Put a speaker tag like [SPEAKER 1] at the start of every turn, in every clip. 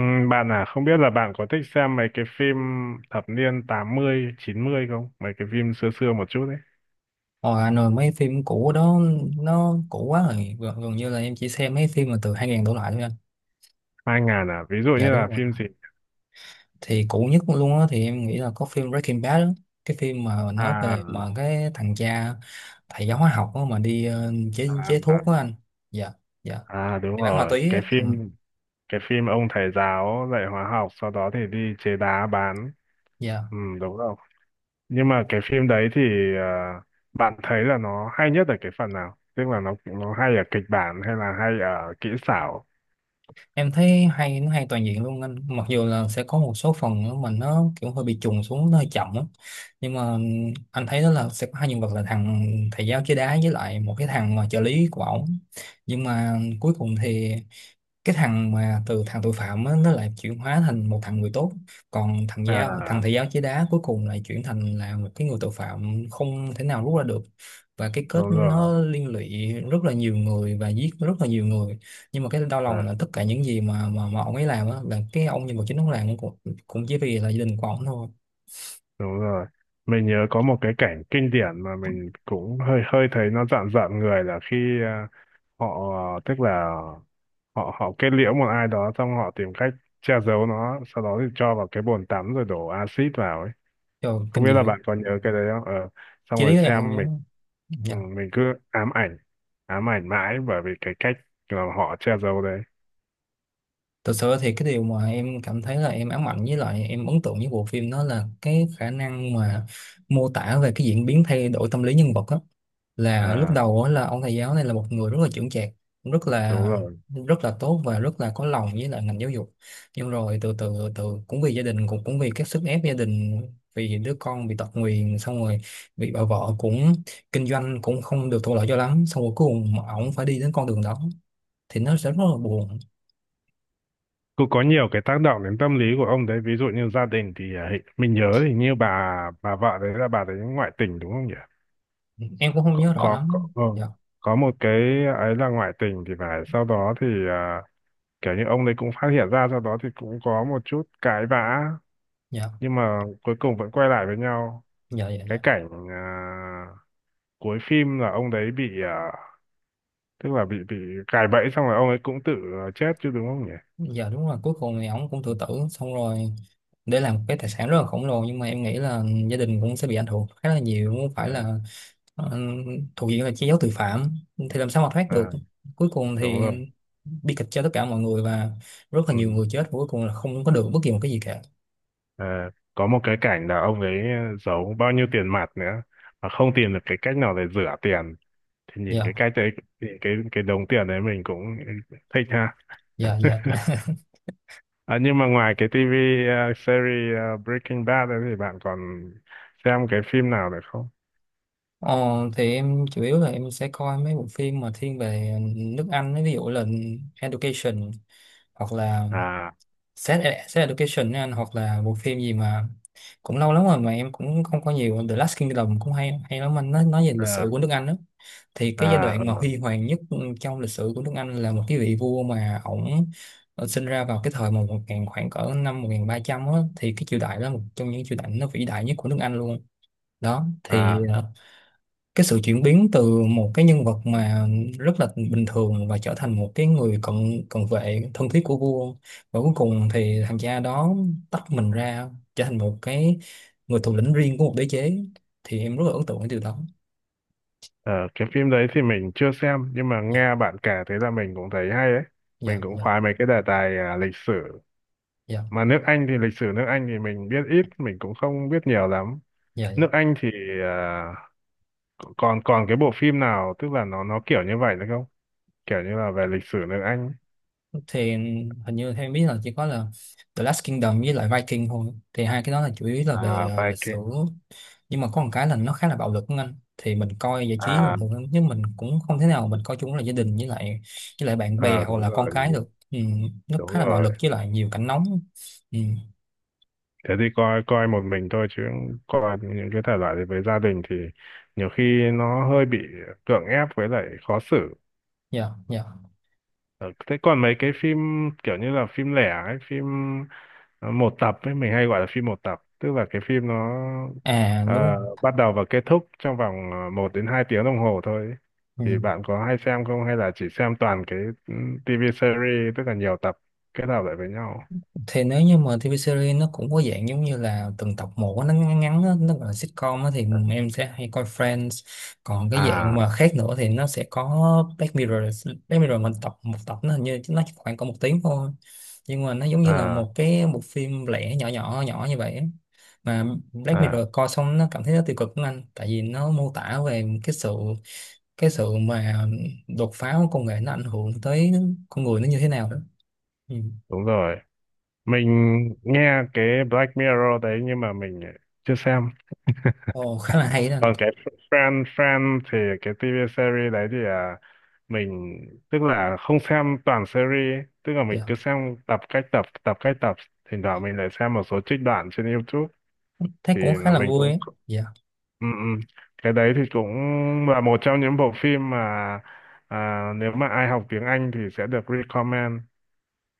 [SPEAKER 1] Ừ, Bạn à, không biết là bạn có thích xem mấy cái phim thập niên tám mươi chín mươi không? Mấy cái phim xưa xưa một chút đấy.
[SPEAKER 2] Hồi Hà Nội mấy phim cũ đó nó cũ quá rồi gần như là em chỉ xem mấy phim mà từ 2000 đổ lại thôi anh.
[SPEAKER 1] Hai ngàn à, ví dụ như
[SPEAKER 2] Dạ
[SPEAKER 1] là
[SPEAKER 2] đúng rồi,
[SPEAKER 1] phim gì?
[SPEAKER 2] thì cũ nhất luôn á thì em nghĩ là có phim Breaking Bad đó. Cái phim mà nói
[SPEAKER 1] À,
[SPEAKER 2] về cái thằng cha thầy giáo hóa học đó mà đi ờ, chế
[SPEAKER 1] à,
[SPEAKER 2] chế
[SPEAKER 1] à,
[SPEAKER 2] thuốc đó anh. Dạ dạ,
[SPEAKER 1] đúng
[SPEAKER 2] đi bán ma
[SPEAKER 1] rồi,
[SPEAKER 2] túy
[SPEAKER 1] cái
[SPEAKER 2] ấy. Ừ,
[SPEAKER 1] phim, cái phim ông thầy giáo dạy hóa học sau đó thì đi chế đá bán.
[SPEAKER 2] dạ.
[SPEAKER 1] Ừ, đúng rồi. Nhưng mà cái phim đấy thì, à, bạn thấy là nó hay nhất ở cái phần nào? Tức là nó hay ở kịch bản hay là hay ở kỹ xảo?
[SPEAKER 2] Em thấy hay, nó hay toàn diện luôn anh, mặc dù là sẽ có một số phần nữa mà nó kiểu hơi bị trùng xuống, nó hơi chậm á, nhưng mà anh thấy đó là sẽ có hai nhân vật là thằng thầy giáo chơi đá với lại một cái thằng mà trợ lý của ổng. Nhưng mà cuối cùng thì cái thằng mà từ thằng tội phạm á, nó lại chuyển hóa thành một thằng người tốt, còn thằng
[SPEAKER 1] À,
[SPEAKER 2] thầy giáo chế đá cuối cùng lại chuyển thành là một cái người tội phạm không thể nào rút ra được. Và cái kết
[SPEAKER 1] đúng rồi.
[SPEAKER 2] nó liên lụy rất là nhiều người và giết rất là nhiều người, nhưng mà cái đau lòng là tất cả những gì mà ông ấy làm á, là cái ông nhân vật chính ông làm cũng cũng chỉ vì là gia đình của ông thôi.
[SPEAKER 1] Đúng rồi. Mình nhớ có một cái cảnh kinh điển mà mình cũng hơi hơi thấy nó rợn rợn người là khi họ, tức là họ họ kết liễu một ai đó xong họ tìm cách che giấu nó, sau đó thì cho vào cái bồn tắm rồi đổ axit vào ấy.
[SPEAKER 2] Trời,
[SPEAKER 1] Không
[SPEAKER 2] kinh
[SPEAKER 1] biết
[SPEAKER 2] dị
[SPEAKER 1] là
[SPEAKER 2] lắm.
[SPEAKER 1] bạn có nhớ cái đấy không? Ờ, Xong
[SPEAKER 2] Chi
[SPEAKER 1] rồi
[SPEAKER 2] lý em không
[SPEAKER 1] xem
[SPEAKER 2] nhớ,
[SPEAKER 1] mình, ừ,
[SPEAKER 2] dạ.
[SPEAKER 1] mình cứ ám ảnh, ám ảnh mãi bởi vì cái cách mà họ che giấu đấy.
[SPEAKER 2] Thật sự thì cái điều mà em cảm thấy là em ám ảnh với lại em ấn tượng với bộ phim đó là cái khả năng mà mô tả về cái diễn biến thay đổi tâm lý nhân vật á. Là lúc
[SPEAKER 1] À
[SPEAKER 2] đầu á là ông thầy giáo này là một người rất là chững chạc, rất là
[SPEAKER 1] đúng rồi.
[SPEAKER 2] rất là tốt và rất là có lòng với lại ngành giáo dục. Nhưng rồi từ từ từ từ cũng vì gia đình cũng cũng vì các sức ép gia đình, vì đứa con bị tật nguyền, xong rồi bị bà vợ cũng kinh doanh cũng không được thuận lợi cho lắm, xong rồi cuối cùng ổng phải đi đến con đường đó thì nó sẽ rất là buồn.
[SPEAKER 1] Cũng có nhiều cái tác động đến tâm lý của ông đấy, ví dụ như gia đình thì mình nhớ thì như bà vợ đấy, là bà đấy ngoại tình đúng không nhỉ?
[SPEAKER 2] Ừ, em cũng không
[SPEAKER 1] Có
[SPEAKER 2] nhớ rõ
[SPEAKER 1] có,
[SPEAKER 2] lắm,
[SPEAKER 1] ừ.
[SPEAKER 2] Dạ
[SPEAKER 1] Có một cái ấy là ngoại tình thì phải, sau đó thì, kiểu như ông đấy cũng phát hiện ra, sau đó thì cũng có một chút cãi vã
[SPEAKER 2] dạ
[SPEAKER 1] nhưng mà cuối cùng vẫn quay lại với nhau.
[SPEAKER 2] dạ dạ
[SPEAKER 1] Cái
[SPEAKER 2] dạ.
[SPEAKER 1] cảnh, cuối phim là ông đấy bị, tức là bị gài bẫy xong rồi ông ấy cũng tự, chết chứ đúng không nhỉ?
[SPEAKER 2] Dạ đúng là cuối cùng thì ổng cũng tự
[SPEAKER 1] Ừ.
[SPEAKER 2] tử xong rồi để làm một cái tài sản rất là khổng lồ, nhưng mà em nghĩ là gia đình cũng sẽ bị ảnh hưởng khá là nhiều, không phải
[SPEAKER 1] À,
[SPEAKER 2] là ờ, thuộc diện là che giấu tội phạm thì làm sao mà thoát được.
[SPEAKER 1] à,
[SPEAKER 2] Cuối cùng
[SPEAKER 1] đúng
[SPEAKER 2] thì
[SPEAKER 1] rồi.
[SPEAKER 2] bi kịch cho tất cả mọi người và rất là
[SPEAKER 1] Ừ.
[SPEAKER 2] nhiều người chết và cuối cùng là không có được bất kỳ một cái gì cả.
[SPEAKER 1] Ờ, có một cái cảnh là ông ấy, giấu bao nhiêu tiền mặt nữa mà không tìm được cái cách nào để rửa tiền, thì nhìn
[SPEAKER 2] Dạ
[SPEAKER 1] cái cách đấy thì cái đống tiền đấy mình cũng thích ha.
[SPEAKER 2] dạ dạ.
[SPEAKER 1] Nhưng mà ngoài cái TV, series, Breaking Bad đấy thì bạn còn xem cái phim nào được không?
[SPEAKER 2] Ờ, thì em chủ yếu là em sẽ coi mấy bộ phim mà thiên về nước Anh ấy, ví dụ là Education hoặc là
[SPEAKER 1] à
[SPEAKER 2] Sex Education ấy anh, hoặc là bộ phim gì mà cũng lâu lắm rồi mà em cũng không có nhiều. The Last Kingdom cũng hay hay lắm anh, nói về
[SPEAKER 1] ờ,
[SPEAKER 2] lịch sử của nước Anh đó, thì cái giai
[SPEAKER 1] à ờ,
[SPEAKER 2] đoạn mà huy hoàng nhất trong lịch sử của nước Anh là một cái vị vua mà ổng sinh ra vào cái thời mà một ngàn khoảng cỡ năm 1300 á, thì cái triều đại đó là một trong những triều đại nó vĩ đại nhất của nước Anh luôn. Đó thì
[SPEAKER 1] à
[SPEAKER 2] cái sự chuyển biến từ một cái nhân vật mà rất là bình thường và trở thành một cái người cận cận vệ thân thiết của vua, và cuối cùng thì thằng cha đó tách mình ra trở thành một cái người thủ lĩnh riêng của một đế chế, thì em rất là ấn tượng cái điều đó.
[SPEAKER 1] ờ, cái phim đấy thì mình chưa xem nhưng mà
[SPEAKER 2] Dạ
[SPEAKER 1] nghe bạn kể thế là mình cũng thấy hay ấy.
[SPEAKER 2] dạ
[SPEAKER 1] Mình cũng
[SPEAKER 2] dạ
[SPEAKER 1] khoái mấy cái đề tài, lịch sử,
[SPEAKER 2] dạ
[SPEAKER 1] mà nước Anh thì lịch sử nước Anh thì mình biết ít, mình cũng không biết nhiều lắm.
[SPEAKER 2] dạ dạ.
[SPEAKER 1] Nước Anh thì, à, còn còn cái bộ phim nào tức là nó kiểu như vậy nữa không, kiểu như là về lịch sử nước Anh,
[SPEAKER 2] Thì hình như theo em biết là chỉ có là The Last Kingdom với lại Viking thôi, thì hai cái đó là chủ yếu là về
[SPEAKER 1] à,
[SPEAKER 2] lịch sử.
[SPEAKER 1] Viking.
[SPEAKER 2] Nhưng mà có một cái là nó khá là bạo lực của anh, thì mình coi giải trí bình
[SPEAKER 1] À
[SPEAKER 2] thường, nhưng mình cũng không thể nào mình coi chung là gia đình với lại bạn bè
[SPEAKER 1] à
[SPEAKER 2] hoặc
[SPEAKER 1] đúng
[SPEAKER 2] là con
[SPEAKER 1] rồi, đúng
[SPEAKER 2] cái
[SPEAKER 1] rồi,
[SPEAKER 2] được. Ừ, nó
[SPEAKER 1] đúng
[SPEAKER 2] khá là bạo
[SPEAKER 1] rồi.
[SPEAKER 2] lực với lại nhiều cảnh nóng. Ừ,
[SPEAKER 1] Thế thì coi coi một mình thôi chứ, coi những cái thể loại đấy với gia đình thì nhiều khi nó hơi bị cưỡng ép với lại khó xử.
[SPEAKER 2] dạ dạ.
[SPEAKER 1] Ờ, thế còn mấy cái phim kiểu như là phim lẻ ấy, phim, một tập ấy, mình hay gọi là phim một tập, tức là cái phim nó,
[SPEAKER 2] À đúng.
[SPEAKER 1] ờ, bắt đầu và kết thúc trong vòng, một đến hai tiếng đồng hồ thôi ấy.
[SPEAKER 2] Ừ.
[SPEAKER 1] Thì bạn có hay xem không hay là chỉ xem toàn cái, ừ, TV series tức là nhiều tập kết hợp lại với nhau?
[SPEAKER 2] Thì nếu như mà TV series nó cũng có dạng giống như là từng tập một á, nó ngắn ngắn á, nó gọi là sitcom á, thì em sẽ hay coi Friends. Còn cái dạng
[SPEAKER 1] À,
[SPEAKER 2] mà khác nữa thì nó sẽ có Black Mirror. Black Mirror mình tập một tập nó hình như nó chỉ khoảng có một tiếng thôi, nhưng mà nó giống như là
[SPEAKER 1] à,
[SPEAKER 2] một cái bộ phim lẻ nhỏ nhỏ nhỏ như vậy á. Mà Black Mirror
[SPEAKER 1] à,
[SPEAKER 2] coi xong nó cảm thấy nó tiêu cực lắm anh, tại vì nó mô tả về cái sự mà đột phá của công nghệ nó ảnh hưởng tới con người nó như thế nào đó. Ừ.
[SPEAKER 1] đúng rồi. Mình nghe cái Black Mirror đấy nhưng mà mình chưa xem.
[SPEAKER 2] Ồ, khá là hay đó anh.
[SPEAKER 1] Còn cái Friend Friend thì cái TV series đấy thì, mình tức là không xem toàn series, tức là mình
[SPEAKER 2] Dạ.
[SPEAKER 1] cứ xem tập cách tập thỉnh thoảng mình lại xem một số trích đoạn trên YouTube
[SPEAKER 2] Thấy
[SPEAKER 1] thì
[SPEAKER 2] cũng khá
[SPEAKER 1] là
[SPEAKER 2] là
[SPEAKER 1] mình
[SPEAKER 2] vui
[SPEAKER 1] cũng,
[SPEAKER 2] ấy. Dạ,
[SPEAKER 1] ừ, ừ. Cái đấy thì cũng là một trong những bộ phim mà, nếu mà ai học tiếng Anh thì sẽ được recommend,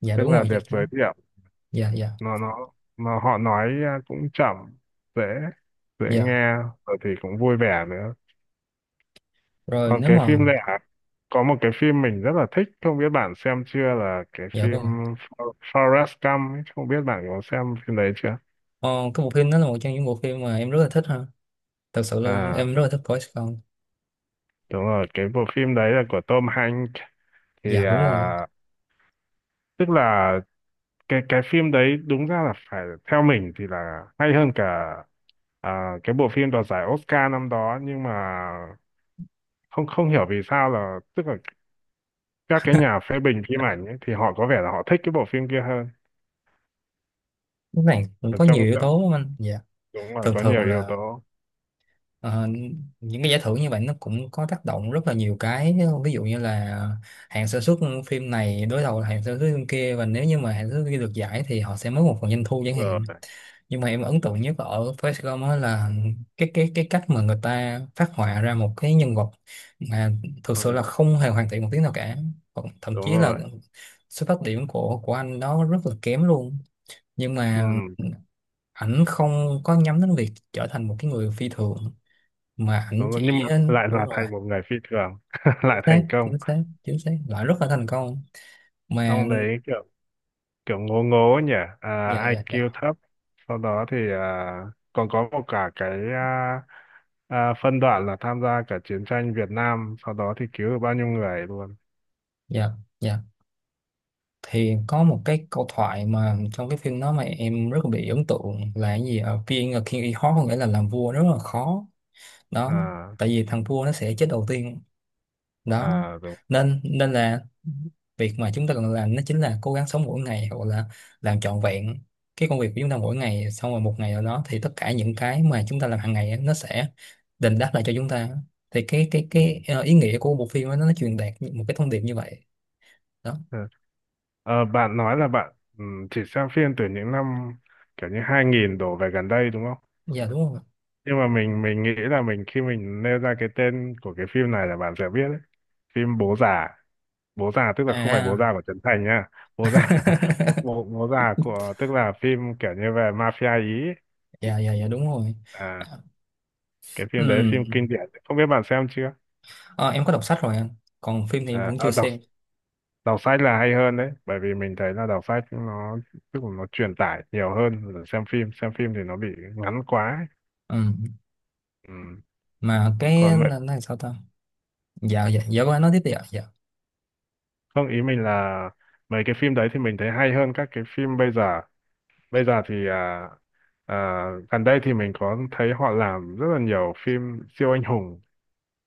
[SPEAKER 2] dạ
[SPEAKER 1] tức
[SPEAKER 2] đúng
[SPEAKER 1] là
[SPEAKER 2] rồi
[SPEAKER 1] được
[SPEAKER 2] chắc
[SPEAKER 1] giới
[SPEAKER 2] chắn.
[SPEAKER 1] thiệu.
[SPEAKER 2] Dạ, dạ,
[SPEAKER 1] Nó nó nó họ nói, cũng chậm, dễ dễ
[SPEAKER 2] dạ.
[SPEAKER 1] nghe, rồi thì cũng vui vẻ nữa.
[SPEAKER 2] Rồi
[SPEAKER 1] Còn
[SPEAKER 2] nếu
[SPEAKER 1] cái
[SPEAKER 2] mà,
[SPEAKER 1] phim này, có một cái phim mình rất là thích, không biết bạn xem chưa, là cái
[SPEAKER 2] dạ
[SPEAKER 1] phim
[SPEAKER 2] vâng ạ.
[SPEAKER 1] Forrest Gump ấy, không biết bạn có xem phim đấy chưa?
[SPEAKER 2] Ờ, cái bộ phim đó là một trong những bộ phim mà em rất là thích ha. Thật sự luôn,
[SPEAKER 1] À,
[SPEAKER 2] em rất là thích coi Saigon.
[SPEAKER 1] đúng rồi, cái bộ phim đấy là của Tom Hanks, thì,
[SPEAKER 2] Dạ đúng rồi.
[SPEAKER 1] tức là cái phim đấy đúng ra là phải, theo mình thì là hay hơn cả, cái bộ phim đoạt giải Oscar năm đó, nhưng mà không không hiểu vì sao, là tức là các cái nhà phê bình phim ảnh ấy, thì họ có vẻ là họ thích cái bộ phim kia hơn.
[SPEAKER 2] Lúc này cũng
[SPEAKER 1] Ở
[SPEAKER 2] có
[SPEAKER 1] trong
[SPEAKER 2] nhiều yếu
[SPEAKER 1] trong-
[SPEAKER 2] tố lắm anh. Dạ,
[SPEAKER 1] Đúng rồi,
[SPEAKER 2] thường
[SPEAKER 1] có nhiều
[SPEAKER 2] thường
[SPEAKER 1] yếu
[SPEAKER 2] là
[SPEAKER 1] tố.
[SPEAKER 2] Ờ, những cái giải thưởng như vậy nó cũng có tác động rất là nhiều cái, ví dụ như là hãng sản xuất phim này đối đầu là hãng sản xuất phim kia, và nếu như mà hãng sản xuất kia được giải thì họ sẽ mất một phần doanh thu chẳng hạn.
[SPEAKER 1] Rồi
[SPEAKER 2] Nhưng mà em ấn tượng nhất ở Forrest Gump á là cái cách mà người ta phát họa ra một cái nhân vật mà thực sự là
[SPEAKER 1] ừ,
[SPEAKER 2] không hề hoàn thiện một tí nào cả. Còn thậm
[SPEAKER 1] đúng
[SPEAKER 2] chí là
[SPEAKER 1] rồi.
[SPEAKER 2] xuất phát điểm của anh đó rất là kém luôn, nhưng
[SPEAKER 1] Ừ,
[SPEAKER 2] mà ảnh không có nhắm đến việc trở thành một cái người phi thường, mà ảnh
[SPEAKER 1] đúng rồi, nhưng
[SPEAKER 2] chỉ
[SPEAKER 1] mà lại
[SPEAKER 2] đúng
[SPEAKER 1] là
[SPEAKER 2] rồi
[SPEAKER 1] thành một người phi thường
[SPEAKER 2] chính
[SPEAKER 1] lại
[SPEAKER 2] xác
[SPEAKER 1] thành công.
[SPEAKER 2] chính xác chính xác lại rất là thành công mà.
[SPEAKER 1] Ông đấy kiểu kiểu ngố ngố nhỉ, à,
[SPEAKER 2] Dạ dạ dạ
[SPEAKER 1] IQ thấp, sau đó thì, còn có một cả cái, phân đoạn là tham gia cả chiến tranh Việt Nam, sau đó thì cứu được bao nhiêu người luôn.
[SPEAKER 2] dạ dạ. Thì có một cái câu thoại mà trong cái phim đó mà em rất là bị ấn tượng là cái gì ở Being a King is hard, có nghĩa là làm vua rất là khó đó,
[SPEAKER 1] À
[SPEAKER 2] tại vì thằng vua nó sẽ chết đầu tiên đó.
[SPEAKER 1] à đúng.
[SPEAKER 2] Nên nên là việc mà chúng ta cần làm nó chính là cố gắng sống mỗi ngày, hoặc là làm trọn vẹn cái công việc của chúng ta mỗi ngày, xong rồi một ngày nào đó thì tất cả những cái mà chúng ta làm hàng ngày á, nó sẽ đền đáp lại cho chúng ta. Thì cái cái
[SPEAKER 1] Ừ.
[SPEAKER 2] cái ờ, ý nghĩa của bộ phim á, nó truyền đạt một cái thông điệp như vậy đó.
[SPEAKER 1] Ừ. Ờ, bạn nói là bạn, ừ, chỉ xem phim từ những năm kiểu như 2000 đổ về gần đây đúng không?
[SPEAKER 2] Dạ đúng không?
[SPEAKER 1] Nhưng mà mình nghĩ là mình khi mình nêu ra cái tên của cái phim này là bạn sẽ biết đấy. Phim bố già. Bố già tức là không phải bố già
[SPEAKER 2] À
[SPEAKER 1] của Trấn Thành nhá. Bố già bố già của, tức là phim kiểu như về mafia ý ấy.
[SPEAKER 2] dạ dạ dạ đúng rồi.
[SPEAKER 1] À,
[SPEAKER 2] À,
[SPEAKER 1] cái phim đấy, phim
[SPEAKER 2] ừ.
[SPEAKER 1] kinh điển, không biết bạn xem chưa?
[SPEAKER 2] Ờ, em có đọc sách rồi anh, còn phim thì em
[SPEAKER 1] À,
[SPEAKER 2] cũng chưa
[SPEAKER 1] à, đọc,
[SPEAKER 2] xem.
[SPEAKER 1] đọc sách là hay hơn đấy bởi vì mình thấy là đọc sách nó, tức là nó truyền tải nhiều hơn là xem phim, xem phim thì nó bị ngắn quá ấy.
[SPEAKER 2] Ừ.
[SPEAKER 1] Ừ.
[SPEAKER 2] Mà cái
[SPEAKER 1] còn mấy-
[SPEAKER 2] là sao ta? Dạ dạ dạ vâng, anh nói tiếp đi ạ. Dạ
[SPEAKER 1] Không, ý mình là mấy cái phim đấy thì mình thấy hay hơn các cái phim bây giờ. Bây giờ thì, à, gần đây thì mình có thấy họ làm rất là nhiều phim siêu anh hùng,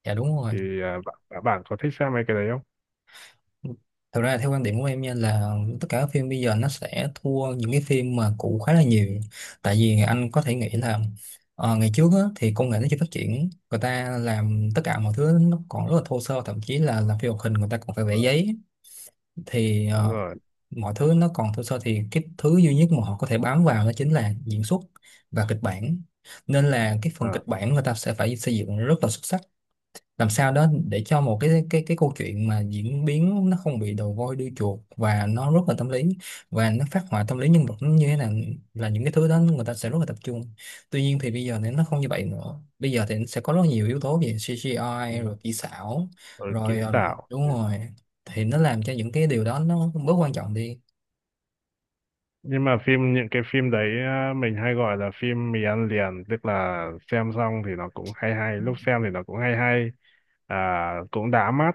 [SPEAKER 2] dạ đúng rồi.
[SPEAKER 1] thì bạn, bạn có thích xem mấy cái đấy không?
[SPEAKER 2] Thực ra theo quan điểm của em nha là tất cả các phim bây giờ nó sẽ thua những cái phim mà cũ khá là nhiều. Tại vì anh có thể nghĩ là ngày trước á, thì công nghệ nó chưa phát triển, người ta làm tất cả mọi thứ nó còn rất là thô sơ, thậm chí là làm phim hoạt hình người ta còn phải vẽ
[SPEAKER 1] Ờ,
[SPEAKER 2] giấy. Thì
[SPEAKER 1] đúng rồi.
[SPEAKER 2] mọi thứ nó còn thô sơ thì cái thứ duy nhất mà họ có thể bám vào đó chính là diễn xuất và kịch bản, nên là cái phần
[SPEAKER 1] À,
[SPEAKER 2] kịch bản người ta sẽ phải xây dựng rất là xuất sắc, làm sao đó để cho một cái cái câu chuyện mà diễn biến nó không bị đầu voi đuôi chuột và nó rất là tâm lý, và nó phát họa tâm lý nhân vật nó như thế nào, là những cái thứ đó người ta sẽ rất là tập trung. Tuy nhiên thì bây giờ thì nó không như vậy nữa, bây giờ thì sẽ có rất nhiều yếu tố về
[SPEAKER 1] ừ.
[SPEAKER 2] CGI rồi kỹ xảo
[SPEAKER 1] Rồi kỹ
[SPEAKER 2] rồi
[SPEAKER 1] xảo.
[SPEAKER 2] đúng
[SPEAKER 1] Ừ.
[SPEAKER 2] rồi, thì nó làm cho những cái điều đó nó bớt quan trọng đi.
[SPEAKER 1] Nhưng mà phim những cái phim đấy mình hay gọi là phim mì ăn liền, tức là xem xong thì nó cũng hay hay, lúc xem thì nó cũng hay hay, à, cũng đã mắt,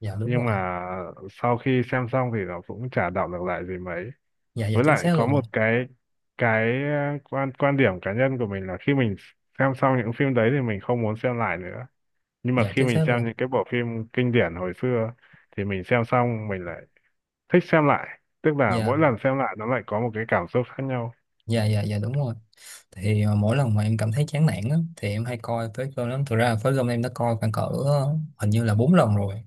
[SPEAKER 2] Dạ đúng
[SPEAKER 1] nhưng
[SPEAKER 2] rồi.
[SPEAKER 1] mà sau khi xem xong thì nó cũng chả đọng được lại gì mấy.
[SPEAKER 2] Dạ dạ
[SPEAKER 1] Với
[SPEAKER 2] chính
[SPEAKER 1] lại
[SPEAKER 2] xác
[SPEAKER 1] có
[SPEAKER 2] luôn.
[SPEAKER 1] một cái quan quan điểm cá nhân của mình là khi mình xem xong những phim đấy thì mình không muốn xem lại nữa, nhưng mà
[SPEAKER 2] Dạ
[SPEAKER 1] khi
[SPEAKER 2] chính
[SPEAKER 1] mình
[SPEAKER 2] xác
[SPEAKER 1] xem
[SPEAKER 2] luôn.
[SPEAKER 1] những cái bộ phim kinh điển hồi xưa thì mình xem xong mình lại thích xem lại, tức là
[SPEAKER 2] Dạ
[SPEAKER 1] mỗi lần xem lại nó lại có một cái cảm xúc khác nhau.
[SPEAKER 2] dạ dạ dạ đúng rồi. Thì mỗi lần mà em cảm thấy chán nản á, thì em hay coi Phế Cơm lắm. Thực ra Phế Cơm em đã coi khoảng cỡ hình như là 4 lần rồi.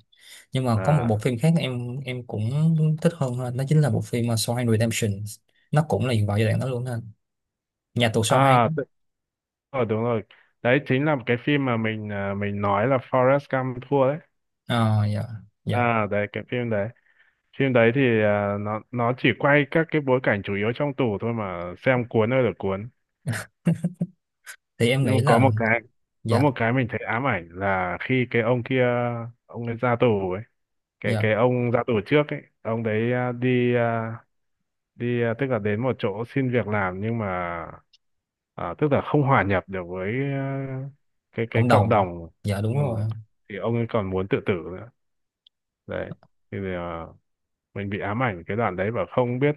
[SPEAKER 2] Nhưng mà có một bộ
[SPEAKER 1] à
[SPEAKER 2] phim khác em cũng thích hơn ha, nó chính là bộ phim Shawshank Redemption. Nó cũng là vào giai đoạn đó luôn ha, nhà tù Shawshank
[SPEAKER 1] à
[SPEAKER 2] á.
[SPEAKER 1] tự- ờ, đúng rồi, đấy chính là cái phim mà mình, ờ, mình nói là Forrest Gump thua đấy.
[SPEAKER 2] Ờ dạ dạ.
[SPEAKER 1] À đấy cái phim đấy, phim đấy thì, nó chỉ quay các cái bối cảnh chủ yếu trong tù thôi mà xem cuốn ơi là cuốn.
[SPEAKER 2] Thì em
[SPEAKER 1] Nhưng
[SPEAKER 2] nghĩ
[SPEAKER 1] mà có
[SPEAKER 2] là
[SPEAKER 1] một cái, có
[SPEAKER 2] dạ
[SPEAKER 1] một cái mình thấy ám ảnh là khi cái ông kia, ông ấy ra tù ấy,
[SPEAKER 2] dạ
[SPEAKER 1] cái ông ra tù trước ấy, ông đấy, tức là đến một chỗ xin việc làm nhưng mà, tức là không hòa nhập được với, cái
[SPEAKER 2] cộng
[SPEAKER 1] cộng
[SPEAKER 2] đồng.
[SPEAKER 1] đồng.
[SPEAKER 2] Dạ đúng
[SPEAKER 1] Ừ.
[SPEAKER 2] rồi.
[SPEAKER 1] Thì ông ấy còn muốn tự tử nữa đấy, thì, mình bị ám ảnh cái đoạn đấy và không biết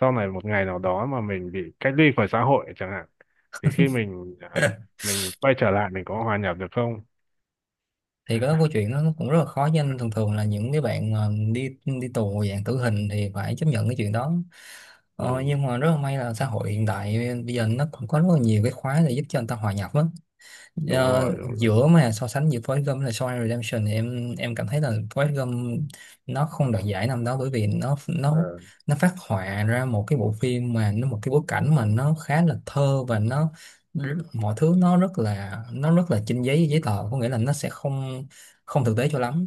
[SPEAKER 1] sau này một ngày nào đó mà mình bị cách ly khỏi xã hội chẳng hạn thì khi mình, mình quay trở lại mình có hòa nhập được không.
[SPEAKER 2] Thì có câu chuyện nó cũng rất là khó với anh, thường thường là những cái bạn mà đi đi tù dạng tử hình thì phải chấp nhận cái chuyện đó. Ờ,
[SPEAKER 1] Ừ,
[SPEAKER 2] nhưng mà rất là may là xã hội hiện đại bây giờ nó cũng có rất là nhiều cái khóa để giúp cho người ta hòa nhập á.
[SPEAKER 1] đúng
[SPEAKER 2] Ờ,
[SPEAKER 1] rồi đúng rồi.
[SPEAKER 2] giữa mà so sánh giữa Forrest Gump là Shawshank Redemption thì em cảm thấy là Forrest Gump nó không đoạt giải năm đó bởi vì nó
[SPEAKER 1] Ờ.
[SPEAKER 2] nó phát họa ra một cái bộ phim mà nó một cái bối cảnh mà nó khá là thơ và nó mọi thứ nó rất là trên giấy giấy tờ, có nghĩa là nó sẽ không không thực tế cho lắm,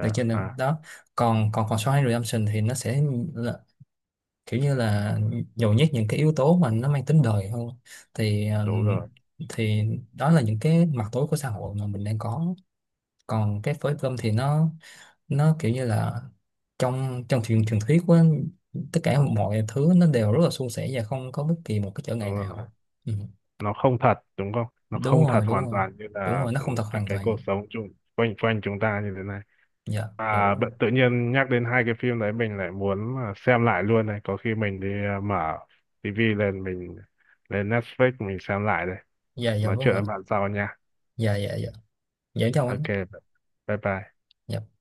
[SPEAKER 2] được chưa nào?
[SPEAKER 1] à,
[SPEAKER 2] Đó, còn còn còn Shawshank Redemption thì nó sẽ kiểu như là nhồi nhét những cái yếu tố mà nó mang tính đời hơn. Thì
[SPEAKER 1] đúng rồi
[SPEAKER 2] thì đó là những cái mặt tối của xã hội mà mình đang có. Còn cái phối cơm thì nó kiểu như là trong trong truyền truyền thuyết của tất cả mọi thứ nó đều rất là suôn sẻ và không có bất kỳ một cái trở
[SPEAKER 1] đúng
[SPEAKER 2] ngại
[SPEAKER 1] rồi,
[SPEAKER 2] nào. Ừ.
[SPEAKER 1] nó không thật đúng không, nó
[SPEAKER 2] Đúng
[SPEAKER 1] không thật
[SPEAKER 2] rồi đúng
[SPEAKER 1] hoàn
[SPEAKER 2] rồi.
[SPEAKER 1] toàn như
[SPEAKER 2] Đúng
[SPEAKER 1] là,
[SPEAKER 2] rồi, nó
[SPEAKER 1] ừ,
[SPEAKER 2] không thật hoàn
[SPEAKER 1] cái cuộc
[SPEAKER 2] toàn.
[SPEAKER 1] sống chung quanh quanh chúng ta như thế này.
[SPEAKER 2] Dạ dạ đúng rồi
[SPEAKER 1] Tự nhiên nhắc đến hai cái phim đấy mình lại muốn, xem lại luôn này, có khi mình đi, mở tivi lên mình lên Netflix mình xem lại đây.
[SPEAKER 2] dạ dạ
[SPEAKER 1] Nói
[SPEAKER 2] vâng
[SPEAKER 1] chuyện
[SPEAKER 2] ạ.
[SPEAKER 1] với bạn sau nha.
[SPEAKER 2] Dạ dạ dạ. Dạ chào anh.
[SPEAKER 1] OK, bye bye.
[SPEAKER 2] Dạ.